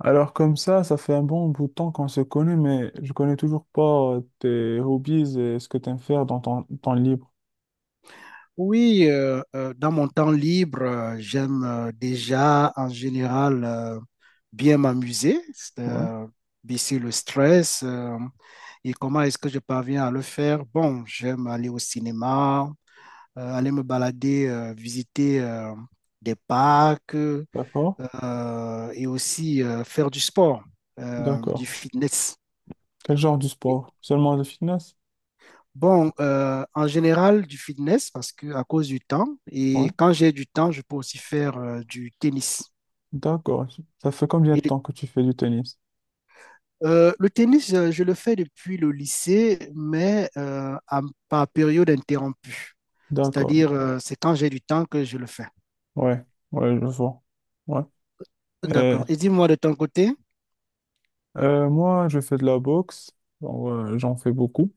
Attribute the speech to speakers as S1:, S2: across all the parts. S1: Alors comme ça fait un bon bout de temps qu'on se connaît, mais je connais toujours pas tes hobbies et ce que tu aimes faire dans ton temps libre.
S2: Oui, dans mon temps libre, j'aime déjà en général bien m'amuser,
S1: Ouais,
S2: baisser le stress. Et comment est-ce que je parviens à le faire? Bon, j'aime aller au cinéma, aller me balader, visiter des parcs
S1: d'accord,
S2: et aussi faire du sport,
S1: d'accord.
S2: du fitness.
S1: Quel genre de sport? Seulement le fitness?
S2: Bon, en général, du fitness parce que à cause du temps.
S1: Ouais,
S2: Et quand j'ai du temps, je peux aussi faire du tennis.
S1: d'accord. Ça fait combien
S2: Et
S1: de
S2: le
S1: temps que tu fais du tennis?
S2: le tennis, je le fais depuis le lycée, par période interrompue.
S1: D'accord.
S2: C'est-à-dire, c'est quand j'ai du temps que je le fais.
S1: Ouais, ouais, je vois. Ouais. Et,
S2: D'accord. Et dis-moi de ton côté.
S1: Moi, je fais de la boxe. Genre, j'en fais beaucoup.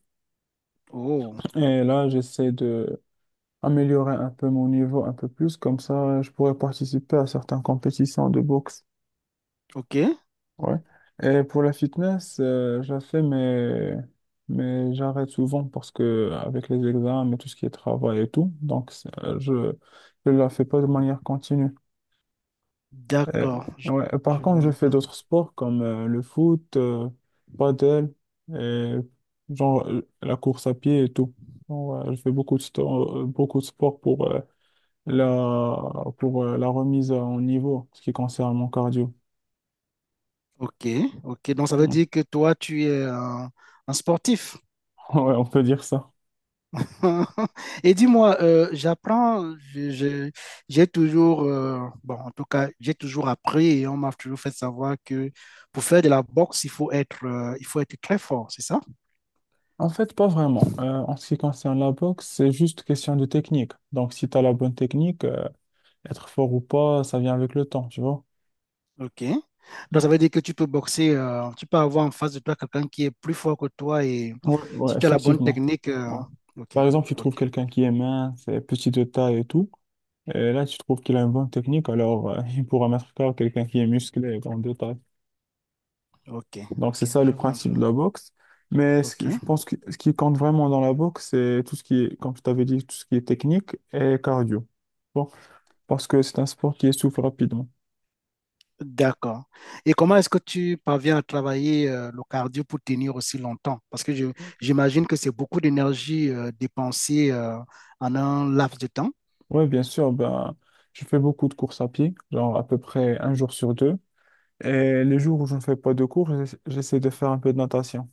S2: Oh,
S1: Et là, j'essaie de améliorer un peu mon niveau un peu plus. Comme ça, je pourrais participer à certaines compétitions de boxe.
S2: ok.
S1: Ouais. Et pour la fitness, je la fais, mais j'arrête souvent parce que avec les examens et tout ce qui est travail et tout, donc je ne la fais pas de manière continue. Et-
S2: D'accord.
S1: ouais. Et par
S2: Je vois
S1: contre, je
S2: un
S1: fais
S2: peu.
S1: d'autres sports comme le foot, padel, et genre la course à pied et tout. Ouais, je fais beaucoup de, beaucoup de sports pour, la, pour la remise en niveau, ce qui concerne mon cardio.
S2: Ok, ok. Donc, ça veut
S1: Mm.
S2: dire que toi, tu es un sportif.
S1: Ouais, on peut dire ça.
S2: Et dis-moi, j'ai toujours, bon, en tout cas, j'ai toujours appris et on m'a toujours fait savoir que pour faire de la boxe, il faut être très fort, c'est ça?
S1: En fait, pas vraiment. En ce qui concerne la boxe, c'est juste question de technique. Donc, si tu as la bonne technique, être fort ou pas, ça vient avec le temps, tu vois.
S2: Ok. Donc, ça veut dire que tu peux boxer, tu peux avoir en face de toi quelqu'un qui est plus fort que toi et
S1: Ouais, ouais,
S2: si tu as la bonne
S1: effectivement. Ouais.
S2: ok,
S1: Par exemple, tu trouves
S2: ok,
S1: quelqu'un qui est mince, et petit de taille et tout. Et là, tu trouves qu'il a une bonne technique, alors il pourra mettre KO quelqu'un qui est musclé et grand de taille. Donc, c'est
S2: ok,
S1: ça le
S2: je vois un
S1: principe
S2: peu.
S1: de la boxe. Mais ce
S2: Ok.
S1: je pense que ce qui compte vraiment dans la boxe, c'est tout ce qui est, comme je t'avais dit, tout ce qui est technique et cardio. Parce que c'est un sport qui essouffle rapidement.
S2: D'accord. Et comment est-ce que tu parviens à travailler le cardio pour tenir aussi longtemps? J'imagine que c'est beaucoup d'énergie dépensée en un laps de temps.
S1: Oui, bien sûr, ben, je fais beaucoup de courses à pied, genre à peu près un jour sur deux. Et les jours où je ne fais pas de cours, j'essaie de faire un peu de natation.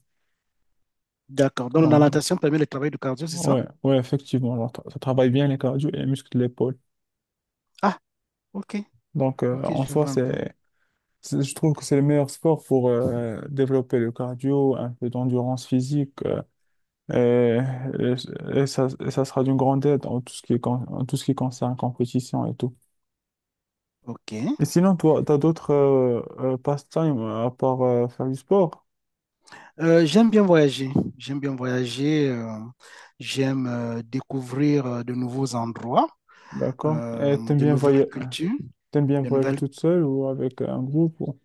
S2: D'accord. Donc la
S1: Donc,
S2: natation permet le travail du cardio, c'est ça?
S1: ouais, ouais, effectivement, alors, ça travaille bien les cardio et les muscles de l'épaule.
S2: Ah, ok.
S1: Donc,
S2: Ok,
S1: en
S2: je
S1: soi,
S2: vois un peu.
S1: c'est- je trouve que c'est le meilleur sport pour développer le cardio, un peu d'endurance physique, et, et ça sera d'une grande aide en tout ce qui est en tout ce qui concerne compétition et tout.
S2: Ok.
S1: Et sinon, toi, t'as d'autres passe-temps à part faire du sport,
S2: J'aime bien voyager. J'aime bien voyager. J'aime découvrir de nouveaux endroits,
S1: d'accord? Et
S2: de nouvelles cultures,
S1: t'aimes bien
S2: de
S1: voyager
S2: nouvelles...
S1: toute seule ou avec un groupe, ou-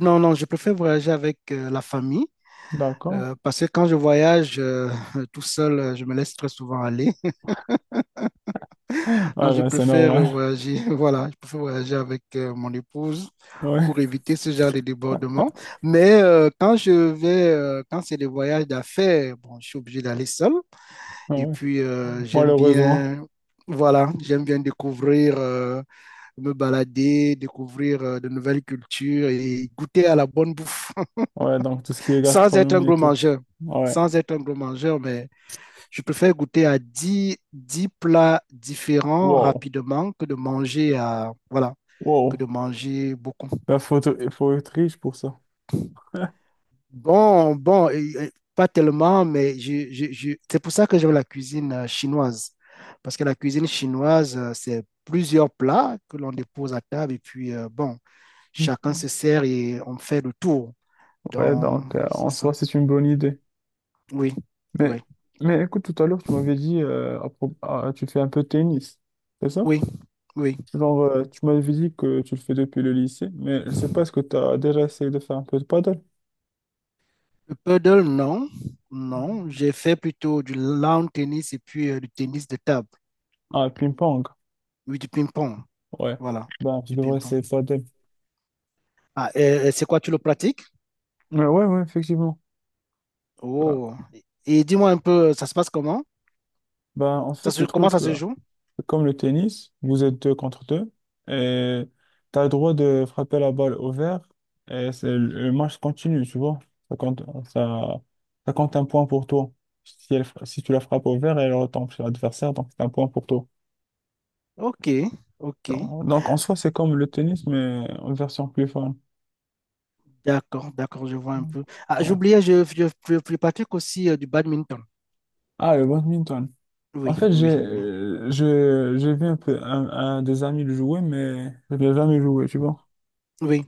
S2: Non, non, je préfère voyager avec la famille.
S1: d'accord?
S2: Parce que quand je voyage tout seul, je me laisse très souvent aller.
S1: Ouais,
S2: Donc, je
S1: ben c'est
S2: préfère
S1: normal,
S2: voyager, voilà, je préfère voyager avec mon épouse
S1: ouais,
S2: pour éviter ce genre de débordement. Mais quand c'est des voyages d'affaires, bon, je suis obligé d'aller seul. Et
S1: ouais,
S2: puis, j'aime
S1: malheureusement.
S2: bien, voilà, j'aime bien découvrir, me balader, découvrir de nouvelles cultures et goûter à la bonne bouffe
S1: Ouais, donc tout ce qui est
S2: sans être un
S1: gastronomie et
S2: gros
S1: tout.
S2: mangeur.
S1: Ouais,
S2: Sans être un gros mangeur, mais je préfère goûter à dix plats différents
S1: wow,
S2: rapidement que de manger à, voilà, que
S1: wow.
S2: de manger beaucoup.
S1: Ben, il faut être riche pour ça.
S2: Bon, bon, pas tellement, mais c'est pour ça que j'aime la cuisine chinoise. Parce que la cuisine chinoise, c'est plusieurs plats que l'on dépose à table et puis, bon, chacun se sert et on fait le tour.
S1: Ouais,
S2: Donc,
S1: donc
S2: c'est
S1: en soi,
S2: ça.
S1: c'est une bonne idée.
S2: Oui,
S1: Mais,
S2: oui,
S1: mais écoute, tout à l'heure, tu m'avais dit, tu fais un peu de tennis, c'est ça?
S2: oui, oui.
S1: Genre, tu m'avais dit que tu le fais depuis le lycée, mais je sais pas, est-ce que tu as déjà essayé de faire un peu de paddle?
S2: Le paddle, non. Non, j'ai fait plutôt du lawn tennis et puis du tennis de table.
S1: Ah, ping-pong,
S2: Oui, du ping-pong.
S1: ouais.
S2: Voilà,
S1: Ben, je
S2: du
S1: devrais
S2: ping-pong.
S1: essayer de paddle.
S2: Ah, et c'est quoi, tu le pratiques?
S1: Ouais, ouais, ouais, effectivement. Ben,
S2: Oh. Et dis-moi un peu, ça se passe comment?
S1: ben, en
S2: Ça
S1: fait,
S2: se,
S1: le
S2: Comment ça
S1: truc,
S2: se joue?
S1: c'est comme le tennis, vous êtes deux contre deux, et tu as le droit de frapper la balle au vert, et c'est, le match continue, tu vois. Ça compte, ça, ça compte un point pour toi. Si, si tu la frappes au vert, elle retombe sur l'adversaire, donc c'est un point pour toi.
S2: Ok, ok.
S1: Donc, en soi, c'est comme le tennis, mais en version plus fun.
S2: D'accord, d'accord, je vois un peu. Ah,
S1: Ouais.
S2: j'oubliais, je pratique aussi du badminton.
S1: Ah, le badminton. En
S2: Oui,
S1: fait,
S2: oui, oui.
S1: j'ai vu un peu un des amis le jouer, mais je n'ai jamais joué, tu vois.
S2: Oui,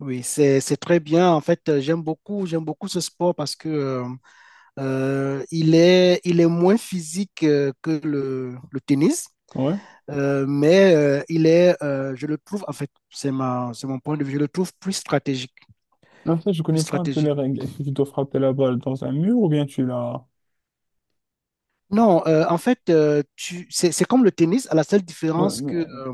S2: oui, c'est très bien. En fait, j'aime beaucoup ce sport parce que il est moins physique que le tennis,
S1: Ouais.
S2: mais je le trouve, en fait, c'est mon point de vue, je le trouve plus stratégique,
S1: En fait, je
S2: plus
S1: connais pas un peu les
S2: stratégique.
S1: règles. Est-ce que tu dois frapper la balle dans un mur ou bien tu la...
S2: Non, en fait, c'est comme le tennis, à la seule
S1: Ouais,
S2: différence
S1: mais-
S2: que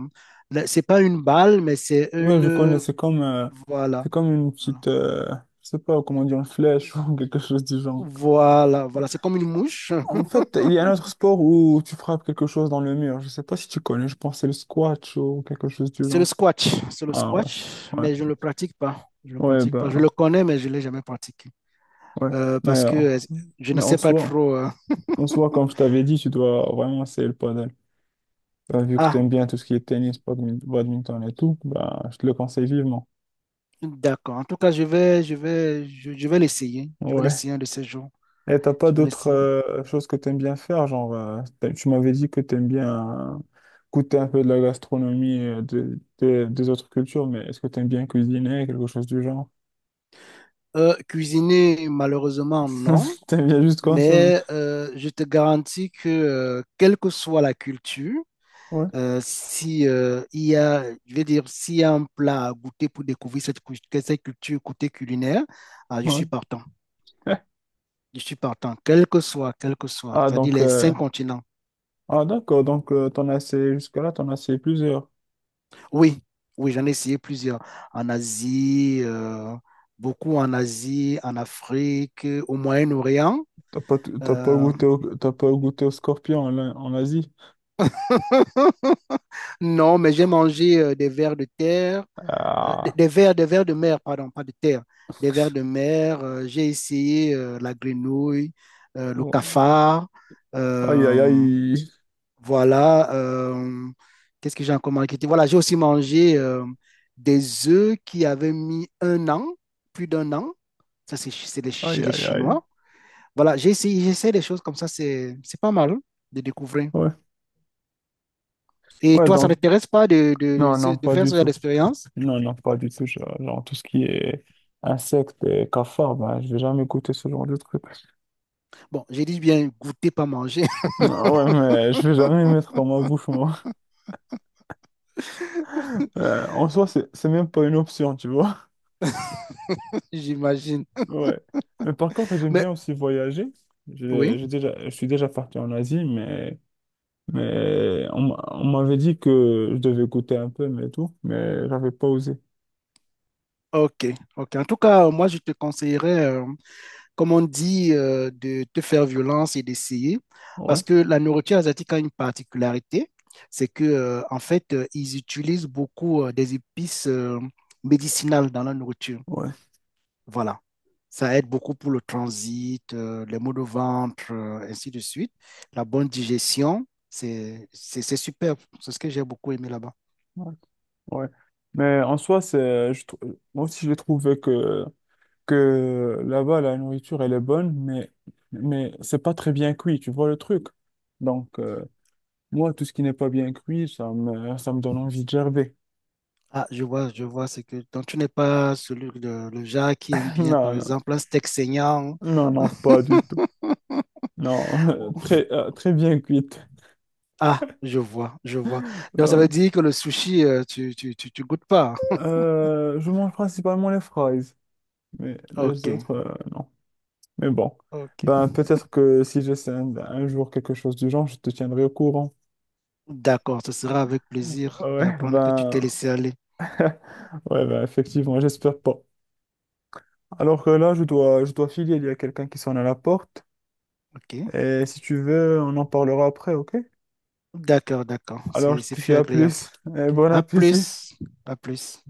S2: là, c'est pas une balle, mais c'est
S1: ouais, je connais.
S2: une... Voilà,
S1: C'est comme une
S2: voilà,
S1: petite... je sais pas comment dire, une flèche ou quelque chose du genre.
S2: voilà. C'est comme une mouche.
S1: En fait, il y a un autre sport où tu frappes quelque chose dans le mur. Je sais pas si tu connais, je pense que c'est le squat ou quelque chose du
S2: C'est le
S1: genre.
S2: squat, c'est le
S1: Ah ouais,
S2: squat,
S1: ouais,
S2: mais je ne le pratique pas. Je le
S1: ouais,
S2: pratique pas. Je
S1: bah,
S2: le connais, mais je ne l'ai jamais pratiqué.
S1: ouais. Mais,
S2: Parce
S1: euh,
S2: que je ne
S1: mais
S2: sais pas trop.
S1: en soi, comme je t'avais dit, tu dois vraiment essayer le paddle. Bah, vu que tu
S2: Ah,
S1: aimes bien tout ce qui est tennis, badminton et tout, bah, je te le conseille vivement.
S2: d'accord. En tout cas, je vais l'essayer. Je vais
S1: Ouais.
S2: l'essayer un de ces jours.
S1: Et t'as pas
S2: Je vais
S1: d'autres
S2: l'essayer.
S1: choses que t'aimes bien faire, genre tu m'avais dit que t'aimes bien goûter un peu de la gastronomie de, des autres cultures, mais est-ce que t'aimes bien cuisiner, quelque chose du genre?
S2: Cuisiner, malheureusement, non.
S1: T'aimes bien juste consommer.
S2: Mais je te garantis que, quelle que soit la culture,
S1: Ouais,
S2: Si, je vais dire, s'il y a un plat à goûter pour découvrir cette culture côté culinaire, ah, je
S1: ouais.
S2: suis partant. Je suis partant, quel que soit.
S1: Ah
S2: C'est-à-dire
S1: donc
S2: les cinq continents.
S1: ah d'accord, donc t'en as essayé jusque-là, t'en as essayé plusieurs.
S2: Oui, oui, j'en ai essayé plusieurs. En Asie, beaucoup en Asie, en Afrique, au Moyen-Orient.
S1: T'as pas
S2: Euh,
S1: goûté au, t'as pas goûté au scorpion en, en Asie.
S2: non, mais j'ai mangé des vers de terre.
S1: Ah.
S2: Des vers de mer, pardon, pas de terre, des vers de mer. J'ai essayé la grenouille, le
S1: Ouais.
S2: cafard,
S1: Aïe aïe
S2: euh,
S1: aïe.
S2: voilà. Euh, qu'est-ce que j'ai encore marketé? Voilà, j'ai aussi mangé des œufs qui avaient mis un an, plus d'un an. Ça, c'est chez c'est les, chez
S1: Aïe
S2: les
S1: aïe aïe.
S2: Chinois. Voilà, j'ai essayé, j'essaie des choses comme ça, c'est pas mal hein, de découvrir.
S1: Ouais.
S2: Et
S1: Ouais
S2: toi, ça ne
S1: donc
S2: t'intéresse pas
S1: non non
S2: de
S1: pas
S2: faire
S1: du
S2: ce genre
S1: tout.
S2: d'expérience?
S1: Non, non, pas du tout. Genre, genre, tout ce qui est insectes et cafards, ben, je vais jamais goûter ce genre de truc.
S2: Bon, j'ai dit bien goûter, pas manger,
S1: Ah ouais, mais je vais jamais les mettre dans ma bouche, moi. En soi, c'est même pas une option, tu vois.
S2: j'imagine.
S1: Ouais. Mais par contre, j'aime
S2: Mais
S1: bien aussi voyager.
S2: oui,
S1: J'ai déjà, je suis déjà parti en Asie, mais, on m'avait dit que je devais goûter un peu, mais tout, mais j'avais pas osé.
S2: ok, ok. En tout cas, moi, je te conseillerais, comme on dit, de te faire violence et d'essayer, parce
S1: Ouais,
S2: que la nourriture asiatique a une particularité, c'est que, ils utilisent beaucoup des épices médicinales dans la nourriture.
S1: ouais,
S2: Voilà. Ça aide beaucoup pour le transit, les maux de ventre, ainsi de suite. La bonne digestion, c'est superbe. C'est ce que j'ai beaucoup aimé là-bas.
S1: ouais. Ouais. Mais en soi, moi aussi, j'ai trouvé que. Que là-bas, la nourriture, elle est bonne, mais c'est pas très bien cuit, tu vois le truc. Donc, moi, tout ce qui n'est pas bien cuit, ça me donne envie de gerber.
S2: Ah, je vois, c'est que donc tu n'es pas celui de le genre qui aime bien, par
S1: Non,
S2: exemple, un steak saignant.
S1: non, non, non, pas du tout. Non,
S2: Hein?
S1: très, très bien cuite.
S2: Ah, je vois, je vois. Donc ça veut
S1: Non.
S2: dire que le sushi, tu goûtes pas.
S1: Je mange principalement les fries,
S2: Hein?
S1: mais les autres,
S2: Ok,
S1: non. Mais bon,
S2: ok.
S1: ben, peut-être que si j'essaie un jour quelque chose du genre, je te tiendrai au courant.
S2: D'accord, ce sera avec plaisir
S1: Ouais,
S2: d'apprendre que tu t'es laissé aller.
S1: ouais, ben, effectivement, j'espère pas. Alors que là, je dois filer, il y a quelqu'un qui sonne à la porte.
S2: Ok.
S1: Et si tu veux, on en parlera après, ok?
S2: D'accord, d'accord.
S1: Alors, je
S2: C'est
S1: te
S2: fut
S1: dis à
S2: agréable.
S1: plus et bon
S2: À
S1: appétit.
S2: plus, à plus.